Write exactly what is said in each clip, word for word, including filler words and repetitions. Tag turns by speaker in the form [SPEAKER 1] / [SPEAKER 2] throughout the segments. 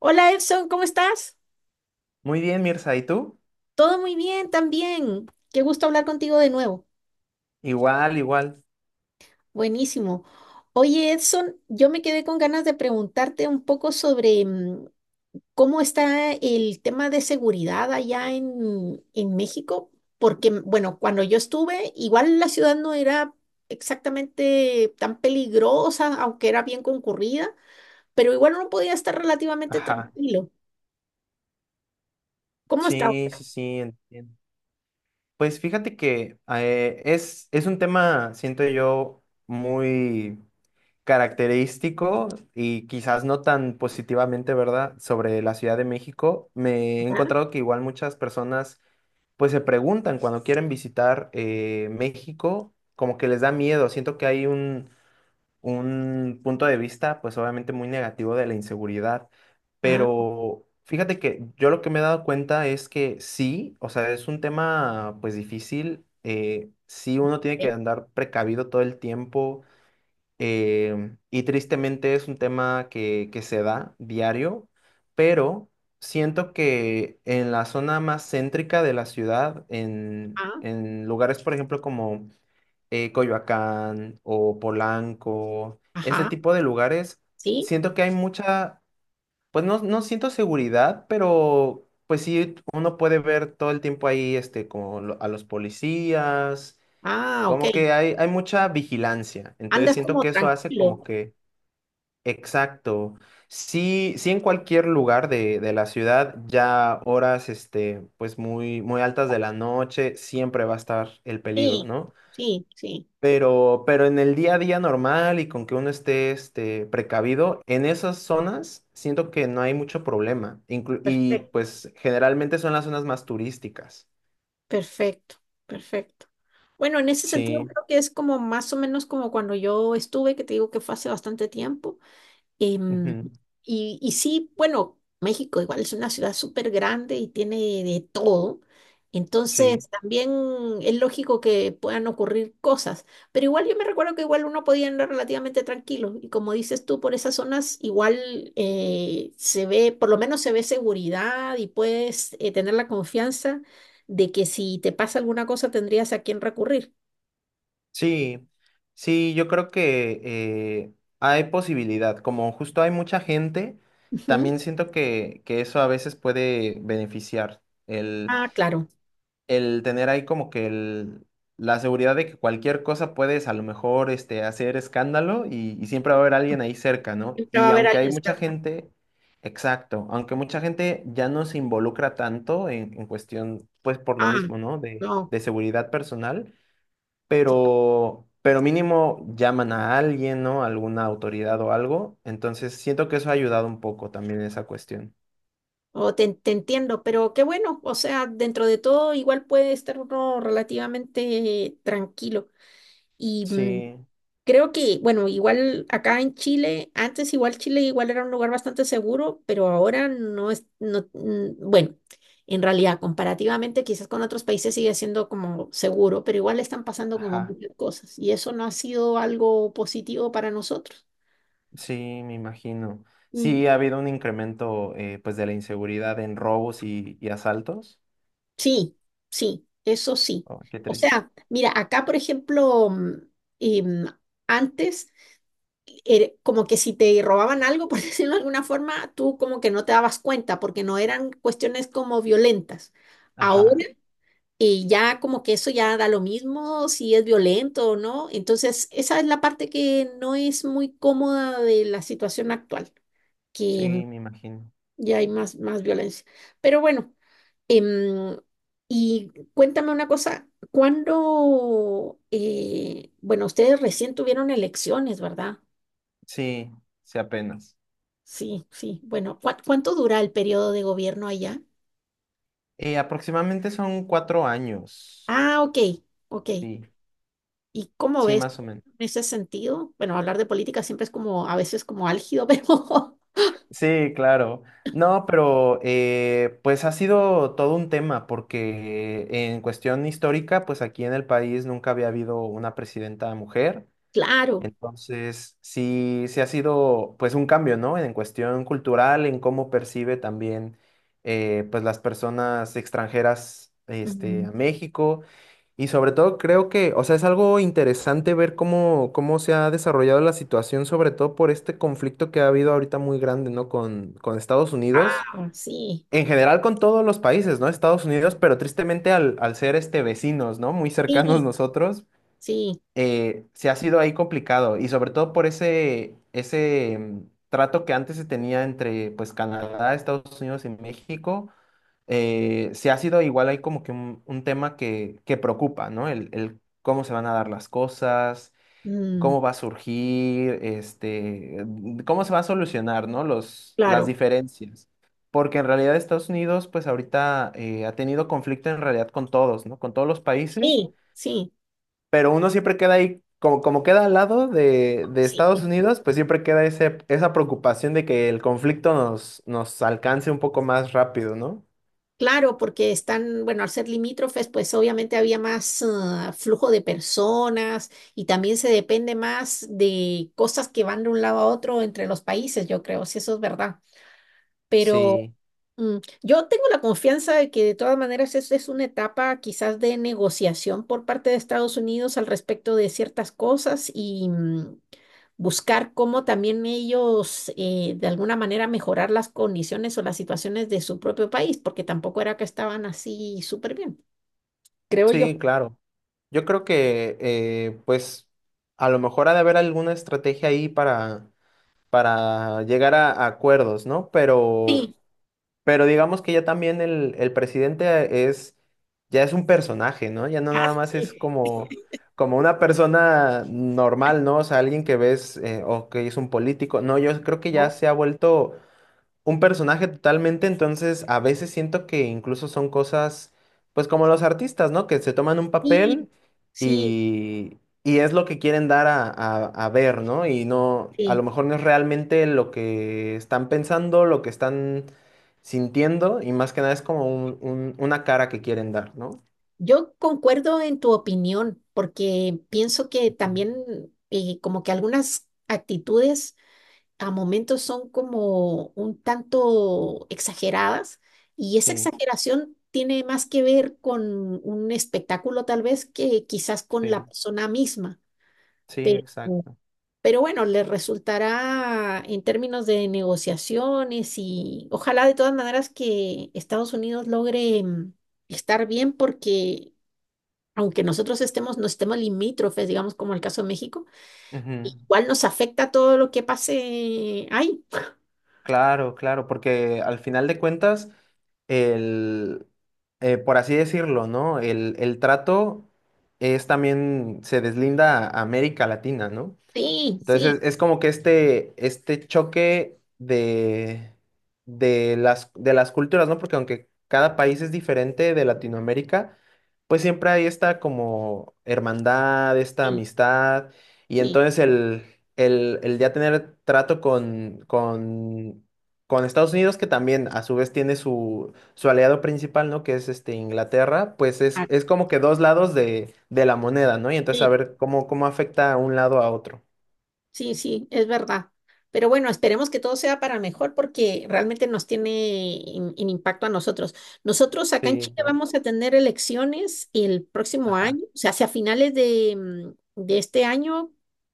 [SPEAKER 1] Hola Edson, ¿cómo estás?
[SPEAKER 2] Muy bien, Mirza, ¿y tú?
[SPEAKER 1] Todo muy bien también. Qué gusto hablar contigo de nuevo.
[SPEAKER 2] Igual, igual.
[SPEAKER 1] Buenísimo. Oye Edson, yo me quedé con ganas de preguntarte un poco sobre mm, cómo está el tema de seguridad allá en, en México, porque mm, bueno, cuando yo estuve, igual la ciudad no era exactamente tan peligrosa, aunque era bien concurrida, pero igual uno podía estar relativamente
[SPEAKER 2] Ajá.
[SPEAKER 1] tranquilo. ¿Cómo está
[SPEAKER 2] Sí,
[SPEAKER 1] ahora?
[SPEAKER 2] sí, sí, entiendo. Pues fíjate que eh, es, es un tema, siento yo, muy característico y quizás no tan positivamente, ¿verdad?, sobre la Ciudad de México. Me he
[SPEAKER 1] Ah,
[SPEAKER 2] encontrado que igual muchas personas pues se preguntan cuando quieren visitar eh, México, como que les da miedo. Siento que hay un un punto de vista, pues obviamente muy negativo de la inseguridad,
[SPEAKER 1] ah,
[SPEAKER 2] pero fíjate que yo lo que me he dado cuenta es que sí, o sea, es un tema pues difícil, eh, sí uno tiene que
[SPEAKER 1] ok.
[SPEAKER 2] andar precavido todo el tiempo em, y tristemente es un tema que, que se da diario, pero siento que en la zona más céntrica de la ciudad, en,
[SPEAKER 1] Ah,
[SPEAKER 2] en lugares, por ejemplo, como eh, Coyoacán o Polanco, este
[SPEAKER 1] ajá,
[SPEAKER 2] tipo de lugares,
[SPEAKER 1] sí.
[SPEAKER 2] siento que hay mucha, pues no, no siento seguridad, pero pues sí, uno puede ver todo el tiempo ahí este, como lo- a los policías,
[SPEAKER 1] Ah, ok.
[SPEAKER 2] como que hay, hay mucha vigilancia, entonces
[SPEAKER 1] Andas
[SPEAKER 2] siento
[SPEAKER 1] como
[SPEAKER 2] que eso hace como
[SPEAKER 1] tranquilo.
[SPEAKER 2] que, exacto, sí, sí en cualquier lugar de, de la ciudad, ya horas este, pues muy, muy altas de la noche, siempre va a estar el peligro,
[SPEAKER 1] Sí,
[SPEAKER 2] ¿no?
[SPEAKER 1] sí, sí.
[SPEAKER 2] Pero, pero en el día a día normal y con que uno esté este, precavido, en esas zonas siento que no hay mucho problema. Inclu- y
[SPEAKER 1] Perfecto.
[SPEAKER 2] pues generalmente son las zonas más turísticas.
[SPEAKER 1] Perfecto, perfecto. Bueno, en ese sentido
[SPEAKER 2] Sí,
[SPEAKER 1] creo que es como más o menos como cuando yo estuve, que te digo que fue hace bastante tiempo. Em,
[SPEAKER 2] ujú,
[SPEAKER 1] y, y sí, bueno, México igual es una ciudad súper grande y tiene de todo.
[SPEAKER 2] sí,
[SPEAKER 1] Entonces también es lógico que puedan ocurrir cosas, pero igual yo me recuerdo que igual uno podía andar relativamente tranquilo y como dices tú, por esas zonas igual eh, se ve, por lo menos se ve seguridad y puedes eh, tener la confianza de que si te pasa alguna cosa tendrías a quién recurrir.
[SPEAKER 2] sí, sí, yo creo que eh, hay posibilidad. Como justo hay mucha gente,
[SPEAKER 1] Ujú.
[SPEAKER 2] también siento que, que eso a veces puede beneficiar
[SPEAKER 1] Ah, claro,
[SPEAKER 2] el tener ahí como que el, la seguridad de que cualquier cosa puedes a lo mejor este, hacer escándalo y, y siempre va a haber alguien ahí cerca, ¿no?
[SPEAKER 1] siempre va a
[SPEAKER 2] Y
[SPEAKER 1] haber
[SPEAKER 2] aunque hay
[SPEAKER 1] alguien
[SPEAKER 2] mucha
[SPEAKER 1] cerca.
[SPEAKER 2] gente, exacto, aunque mucha gente ya no se involucra tanto en, en cuestión, pues por lo
[SPEAKER 1] Ah,
[SPEAKER 2] mismo, ¿no? De,
[SPEAKER 1] no.
[SPEAKER 2] de seguridad personal, pero, pero mínimo llaman a alguien, ¿no? Alguna autoridad o algo. Entonces siento que eso ha ayudado un poco también esa cuestión.
[SPEAKER 1] O te, te entiendo, pero qué bueno, o sea, dentro de todo igual puede estar uno relativamente tranquilo. Y mm,
[SPEAKER 2] Sí,
[SPEAKER 1] creo que, bueno, igual acá en Chile, antes igual Chile igual era un lugar bastante seguro, pero ahora no es, no, mm, bueno, en realidad comparativamente quizás con otros países sigue siendo como seguro, pero igual están pasando como
[SPEAKER 2] ajá.
[SPEAKER 1] muchas cosas y eso no ha sido algo positivo para nosotros.
[SPEAKER 2] Sí, me imagino.
[SPEAKER 1] Mm.
[SPEAKER 2] Sí, ha habido un incremento eh, pues de la inseguridad en robos y, y asaltos.
[SPEAKER 1] Sí, sí, eso sí.
[SPEAKER 2] Oh, qué
[SPEAKER 1] O
[SPEAKER 2] triste.
[SPEAKER 1] sea, mira, acá, por ejemplo, mm, em, antes, era como que si te robaban algo, por decirlo de alguna forma, tú como que no te dabas cuenta porque no eran cuestiones como violentas. Ahora,
[SPEAKER 2] Ajá,
[SPEAKER 1] eh, ya como que eso ya da lo mismo si es violento o no. Entonces, esa es la parte que no es muy cómoda de la situación actual,
[SPEAKER 2] sí,
[SPEAKER 1] que
[SPEAKER 2] me imagino.
[SPEAKER 1] y hay más, más violencia. Pero bueno, em, y cuéntame una cosa, ¿cuándo, eh, bueno, ustedes recién tuvieron elecciones, ¿verdad?
[SPEAKER 2] Sí, sí, apenas.
[SPEAKER 1] Sí, sí, bueno, ¿cuá- ¿cuánto dura el periodo de gobierno allá?
[SPEAKER 2] Eh, aproximadamente son cuatro años.
[SPEAKER 1] Ah, ok, ok.
[SPEAKER 2] Sí,
[SPEAKER 1] ¿Y cómo
[SPEAKER 2] sí,
[SPEAKER 1] ves
[SPEAKER 2] más o menos.
[SPEAKER 1] en ese sentido? Bueno, hablar de política siempre es como, a veces como álgido, pero
[SPEAKER 2] Sí, claro. No, pero eh, pues ha sido todo un tema porque en cuestión histórica, pues aquí en el país nunca había habido una presidenta mujer.
[SPEAKER 1] claro.
[SPEAKER 2] Entonces, sí, sí ha sido pues un cambio, ¿no? En cuestión cultural, en cómo percibe también eh, pues las personas extranjeras este,
[SPEAKER 1] Ujú.
[SPEAKER 2] a México. Y sobre todo creo que, o sea, es algo interesante ver cómo, cómo se ha desarrollado la situación, sobre todo por este conflicto que ha habido ahorita muy grande, ¿no? Con, con Estados Unidos.
[SPEAKER 1] Ah, sí,
[SPEAKER 2] En general con todos los países, ¿no? Estados Unidos, pero tristemente al, al ser este vecinos, ¿no? Muy cercanos
[SPEAKER 1] sí,
[SPEAKER 2] nosotros,
[SPEAKER 1] sí,
[SPEAKER 2] eh, se ha sido ahí complicado y sobre todo por ese, ese mm, trato que antes se tenía entre pues Canadá, Estados Unidos y México, eh, se ha sido igual ahí como que un, un tema que, que preocupa, ¿no? El, el cómo se van a dar las cosas,
[SPEAKER 1] mm,
[SPEAKER 2] cómo va a surgir, este, mm, cómo se va a solucionar, ¿no? Los, las
[SPEAKER 1] claro,
[SPEAKER 2] diferencias. Porque en realidad Estados Unidos, pues ahorita eh, ha tenido conflicto en realidad con todos, ¿no? Con todos los países
[SPEAKER 1] sí, sí,
[SPEAKER 2] pero uno siempre queda ahí, como, como queda al lado de, de Estados
[SPEAKER 1] sí.
[SPEAKER 2] Unidos, pues siempre queda ese, esa preocupación de que el conflicto nos, nos alcance un poco más rápido, ¿no?
[SPEAKER 1] Claro, porque están, bueno, al ser limítrofes, pues obviamente había más ah, flujo de personas y también se depende más de cosas que van de un lado a otro entre los países, yo creo, si eso es verdad. Pero
[SPEAKER 2] Sí,
[SPEAKER 1] mm, yo tengo la confianza de que de todas maneras es, es una etapa quizás de negociación por parte de Estados Unidos al respecto de ciertas cosas y mm, buscar cómo también ellos eh, de alguna manera mejorar las condiciones o las situaciones de su propio país, porque tampoco era que estaban así súper bien, creo yo.
[SPEAKER 2] sí, claro. Yo creo que, eh, pues, a lo mejor ha de haber alguna estrategia ahí para, para llegar a, a acuerdos, ¿no? Pero...
[SPEAKER 1] Sí,
[SPEAKER 2] Pero digamos que ya también el, el presidente es, ya es un personaje, ¿no? Ya no
[SPEAKER 1] ah,
[SPEAKER 2] nada más es
[SPEAKER 1] sí,
[SPEAKER 2] como, como una persona normal, ¿no? O sea, alguien que ves eh, o que es un político. No, yo creo que ya
[SPEAKER 1] ¿no?
[SPEAKER 2] se ha vuelto un personaje totalmente, entonces a veces siento que incluso son cosas, pues como los artistas, ¿no? Que se toman un
[SPEAKER 1] Sí,
[SPEAKER 2] papel
[SPEAKER 1] sí,
[SPEAKER 2] y, y es lo que quieren dar a, a- a ver, ¿no? Y no, a lo
[SPEAKER 1] sí.
[SPEAKER 2] mejor no es realmente lo que están pensando, lo que están sintiendo, y más que nada es como un- un- una cara que quieren dar, ¿no?
[SPEAKER 1] Yo concuerdo en tu opinión, porque pienso que también eh, como que algunas actitudes a momentos son como un tanto exageradas y esa
[SPEAKER 2] Sí,
[SPEAKER 1] exageración tiene más que ver con un espectáculo tal vez que quizás con la
[SPEAKER 2] sí,
[SPEAKER 1] persona misma,
[SPEAKER 2] sí,
[SPEAKER 1] pero,
[SPEAKER 2] exacto.
[SPEAKER 1] pero bueno, le resultará en términos de negociaciones y ojalá de todas maneras que Estados Unidos logre mm, estar bien porque aunque nosotros estemos, no estemos limítrofes, digamos como el caso de México,
[SPEAKER 2] Ujú.
[SPEAKER 1] igual nos afecta todo lo que pase ahí.
[SPEAKER 2] Claro, claro, porque al final de cuentas, el, eh, por así decirlo, ¿no? El, el trato es también, se deslinda a América Latina, ¿no?
[SPEAKER 1] Sí,
[SPEAKER 2] Entonces
[SPEAKER 1] sí,
[SPEAKER 2] es, es como que este, este choque de, de las, de las culturas, ¿no? Porque aunque cada país es diferente de Latinoamérica, pues siempre hay esta como hermandad, esta
[SPEAKER 1] sí,
[SPEAKER 2] amistad, y
[SPEAKER 1] sí,
[SPEAKER 2] entonces el, el, el ya tener trato con, con, con Estados Unidos, que también a su vez tiene su, su aliado principal, ¿no? Que es este Inglaterra, pues es,
[SPEAKER 1] ah,
[SPEAKER 2] es como que dos lados de, de la moneda, ¿no? Y entonces a
[SPEAKER 1] sí,
[SPEAKER 2] ver cómo, cómo afecta a un lado a otro.
[SPEAKER 1] sí, sí, es verdad. Pero bueno, esperemos que todo sea para mejor porque realmente nos tiene en, en impacto a nosotros. Nosotros acá en
[SPEAKER 2] Sí,
[SPEAKER 1] Chile
[SPEAKER 2] claro.
[SPEAKER 1] vamos a tener elecciones el próximo
[SPEAKER 2] Ajá,
[SPEAKER 1] año, o sea, hacia finales de, mm, de este año,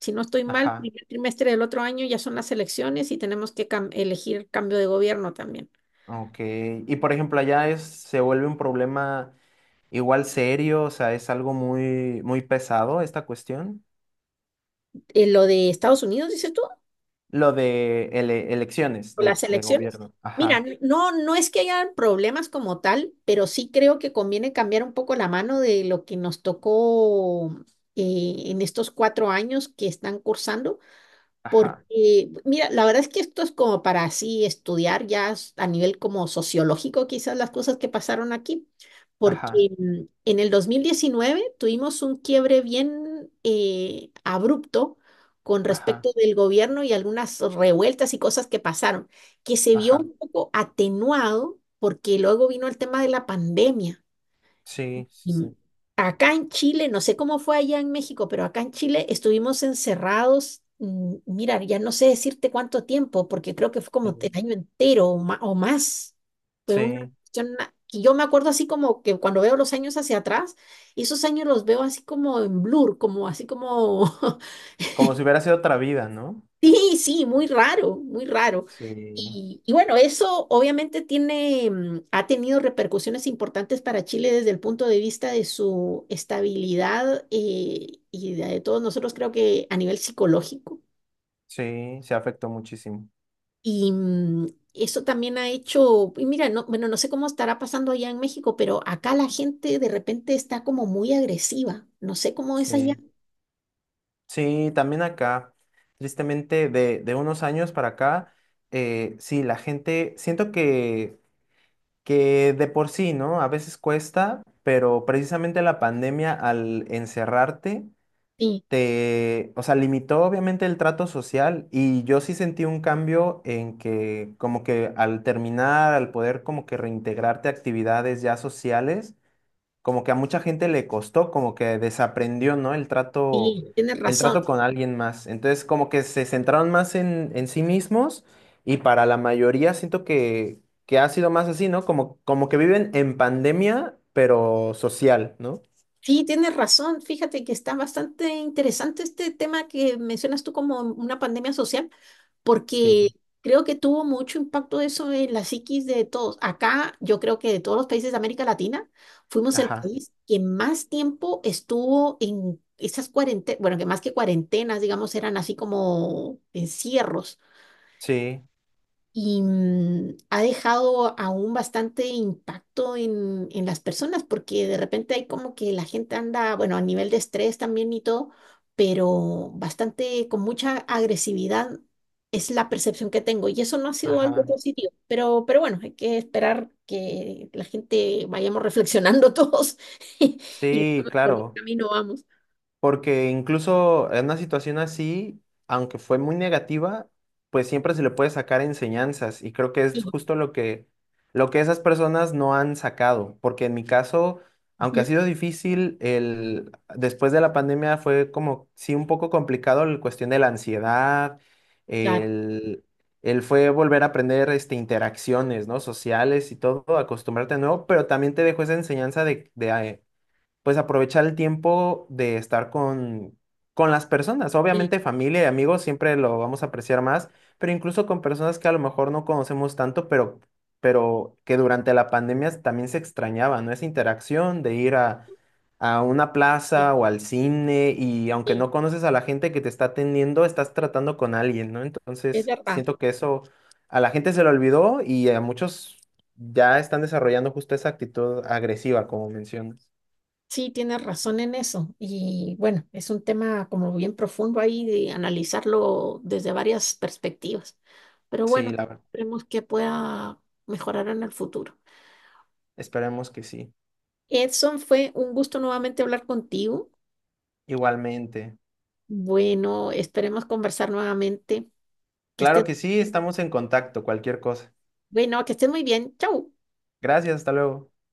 [SPEAKER 1] si no estoy mal,
[SPEAKER 2] ajá.
[SPEAKER 1] primer trimestre del otro año ya son las elecciones y tenemos que cam- elegir cambio de gobierno también.
[SPEAKER 2] Ok. Y por ejemplo, allá es, se vuelve un problema igual serio, o sea, es algo muy, muy pesado esta cuestión.
[SPEAKER 1] eh, lo de Estados Unidos, dices tú,
[SPEAKER 2] Lo de ele- elecciones
[SPEAKER 1] o las
[SPEAKER 2] de, de
[SPEAKER 1] elecciones.
[SPEAKER 2] gobierno.
[SPEAKER 1] Mira,
[SPEAKER 2] Ajá,
[SPEAKER 1] no, no es que haya problemas como tal, pero sí creo que conviene cambiar un poco la mano de lo que nos tocó eh, en estos cuatro años que están cursando
[SPEAKER 2] ajá,
[SPEAKER 1] porque, mira, la verdad es que esto es como para así estudiar ya s- a nivel como sociológico quizás las cosas que pasaron aquí, porque
[SPEAKER 2] ajá,
[SPEAKER 1] mm, en el dos mil diecinueve tuvimos un quiebre bien eh, abrupto con respecto
[SPEAKER 2] ajá,
[SPEAKER 1] del gobierno y algunas revueltas y cosas que pasaron, que se vio
[SPEAKER 2] ajá.
[SPEAKER 1] un poco atenuado porque luego vino el tema de la pandemia.
[SPEAKER 2] Sí,
[SPEAKER 1] Mm,
[SPEAKER 2] sí,
[SPEAKER 1] Acá en Chile, no sé cómo fue allá en México, pero acá en Chile estuvimos encerrados, mm, mira, ya no sé decirte cuánto tiempo, porque creo que fue como el
[SPEAKER 2] sí.
[SPEAKER 1] año entero o, ma- o más. Fue una
[SPEAKER 2] Sí.
[SPEAKER 1] cuestión a- que yo me acuerdo así como que cuando veo los años hacia atrás, y esos años los veo así como en blur, como así como
[SPEAKER 2] Como si hubiera sido otra vida, ¿no?
[SPEAKER 1] Sí, sí, muy raro, muy raro.
[SPEAKER 2] Sí,
[SPEAKER 1] Y, y bueno, eso obviamente tiene, mm, ha tenido repercusiones importantes para Chile desde el punto de vista de su estabilidad eh, y de, de todos nosotros, creo que a nivel psicológico.
[SPEAKER 2] sí, se afectó muchísimo.
[SPEAKER 1] Y mm, eso también ha hecho, y mira, no, bueno, no sé cómo estará pasando allá en México, pero acá la gente de repente está como muy agresiva. No sé cómo
[SPEAKER 2] Sí.
[SPEAKER 1] es allá.
[SPEAKER 2] Sí, también acá, tristemente, de, de unos años para acá, eh, sí, la gente, siento que, que de por sí, ¿no? A veces cuesta, pero precisamente la pandemia al encerrarte,
[SPEAKER 1] Sí,
[SPEAKER 2] te, o sea, limitó obviamente el trato social y yo sí sentí un cambio en que como que al terminar, al poder como que reintegrarte a actividades ya sociales, como que a mucha gente le costó, como que desaprendió, ¿no? El trato,
[SPEAKER 1] sí, tienes
[SPEAKER 2] el trato
[SPEAKER 1] razón.
[SPEAKER 2] con alguien más. Entonces, como que se centraron más en, en sí mismos y para la mayoría siento que, que ha sido más así, ¿no? Como, como que viven en pandemia, pero social, ¿no?
[SPEAKER 1] Sí, tienes razón. Fíjate que está bastante interesante este tema que mencionas tú como una pandemia social, porque
[SPEAKER 2] Sí.
[SPEAKER 1] creo que tuvo mucho impacto eso en la psiquis de todos. Acá, yo creo que de todos los países de América Latina, fuimos el
[SPEAKER 2] Ajá.
[SPEAKER 1] país que más tiempo estuvo en esas cuarentenas, bueno, que más que cuarentenas, digamos, eran así como encierros
[SPEAKER 2] Sí.
[SPEAKER 1] y mm, ha dejado aún bastante impacto en, en las personas, porque de repente hay como que la gente anda, bueno, a nivel de estrés también y todo, pero bastante con mucha agresividad es la percepción que tengo y eso no ha sido algo
[SPEAKER 2] Ajá.
[SPEAKER 1] positivo, pero, pero bueno, hay que esperar que la gente vayamos reflexionando todos y
[SPEAKER 2] Sí,
[SPEAKER 1] veamos por qué
[SPEAKER 2] claro.
[SPEAKER 1] camino vamos.
[SPEAKER 2] Porque incluso en una situación así, aunque fue muy negativa, pues siempre se le puede sacar enseñanzas y creo que
[SPEAKER 1] Sí,
[SPEAKER 2] es justo lo que, lo que esas personas no han sacado, porque en mi caso, aunque ha
[SPEAKER 1] ujú,
[SPEAKER 2] sido difícil, el, después de la pandemia fue como, sí, un poco complicado la cuestión de la ansiedad,
[SPEAKER 1] claro,
[SPEAKER 2] el, el fue volver a aprender este, interacciones, ¿no? sociales y todo, acostumbrarte a nuevo, pero también te dejó esa enseñanza de, de, pues aprovechar el tiempo de estar con, con las personas.
[SPEAKER 1] sí,
[SPEAKER 2] Obviamente familia y amigos siempre lo vamos a apreciar más, pero incluso con personas que a lo mejor no conocemos tanto, pero, pero que durante la pandemia también se extrañaba, ¿no? Esa interacción de ir a, a una
[SPEAKER 1] sí,
[SPEAKER 2] plaza o al cine y aunque
[SPEAKER 1] sí,
[SPEAKER 2] no conoces a la gente que te está atendiendo, estás tratando con alguien, ¿no?
[SPEAKER 1] es
[SPEAKER 2] Entonces
[SPEAKER 1] verdad.
[SPEAKER 2] siento que eso a la gente se lo olvidó y a muchos... Ya están desarrollando justo esa actitud agresiva, como mencionas.
[SPEAKER 1] Sí, tienes razón en eso. Y bueno, es un tema como bien profundo ahí de analizarlo desde varias perspectivas. Pero bueno,
[SPEAKER 2] Sí, la verdad.
[SPEAKER 1] esperemos que pueda mejorar en el futuro.
[SPEAKER 2] Esperemos que sí.
[SPEAKER 1] Edson, fue un gusto nuevamente hablar contigo.
[SPEAKER 2] Igualmente.
[SPEAKER 1] Bueno, esperemos conversar nuevamente. Que
[SPEAKER 2] Claro
[SPEAKER 1] estés,
[SPEAKER 2] que sí, estamos en contacto, cualquier cosa.
[SPEAKER 1] bueno, que estés muy bien. Chau.
[SPEAKER 2] Gracias, hasta luego.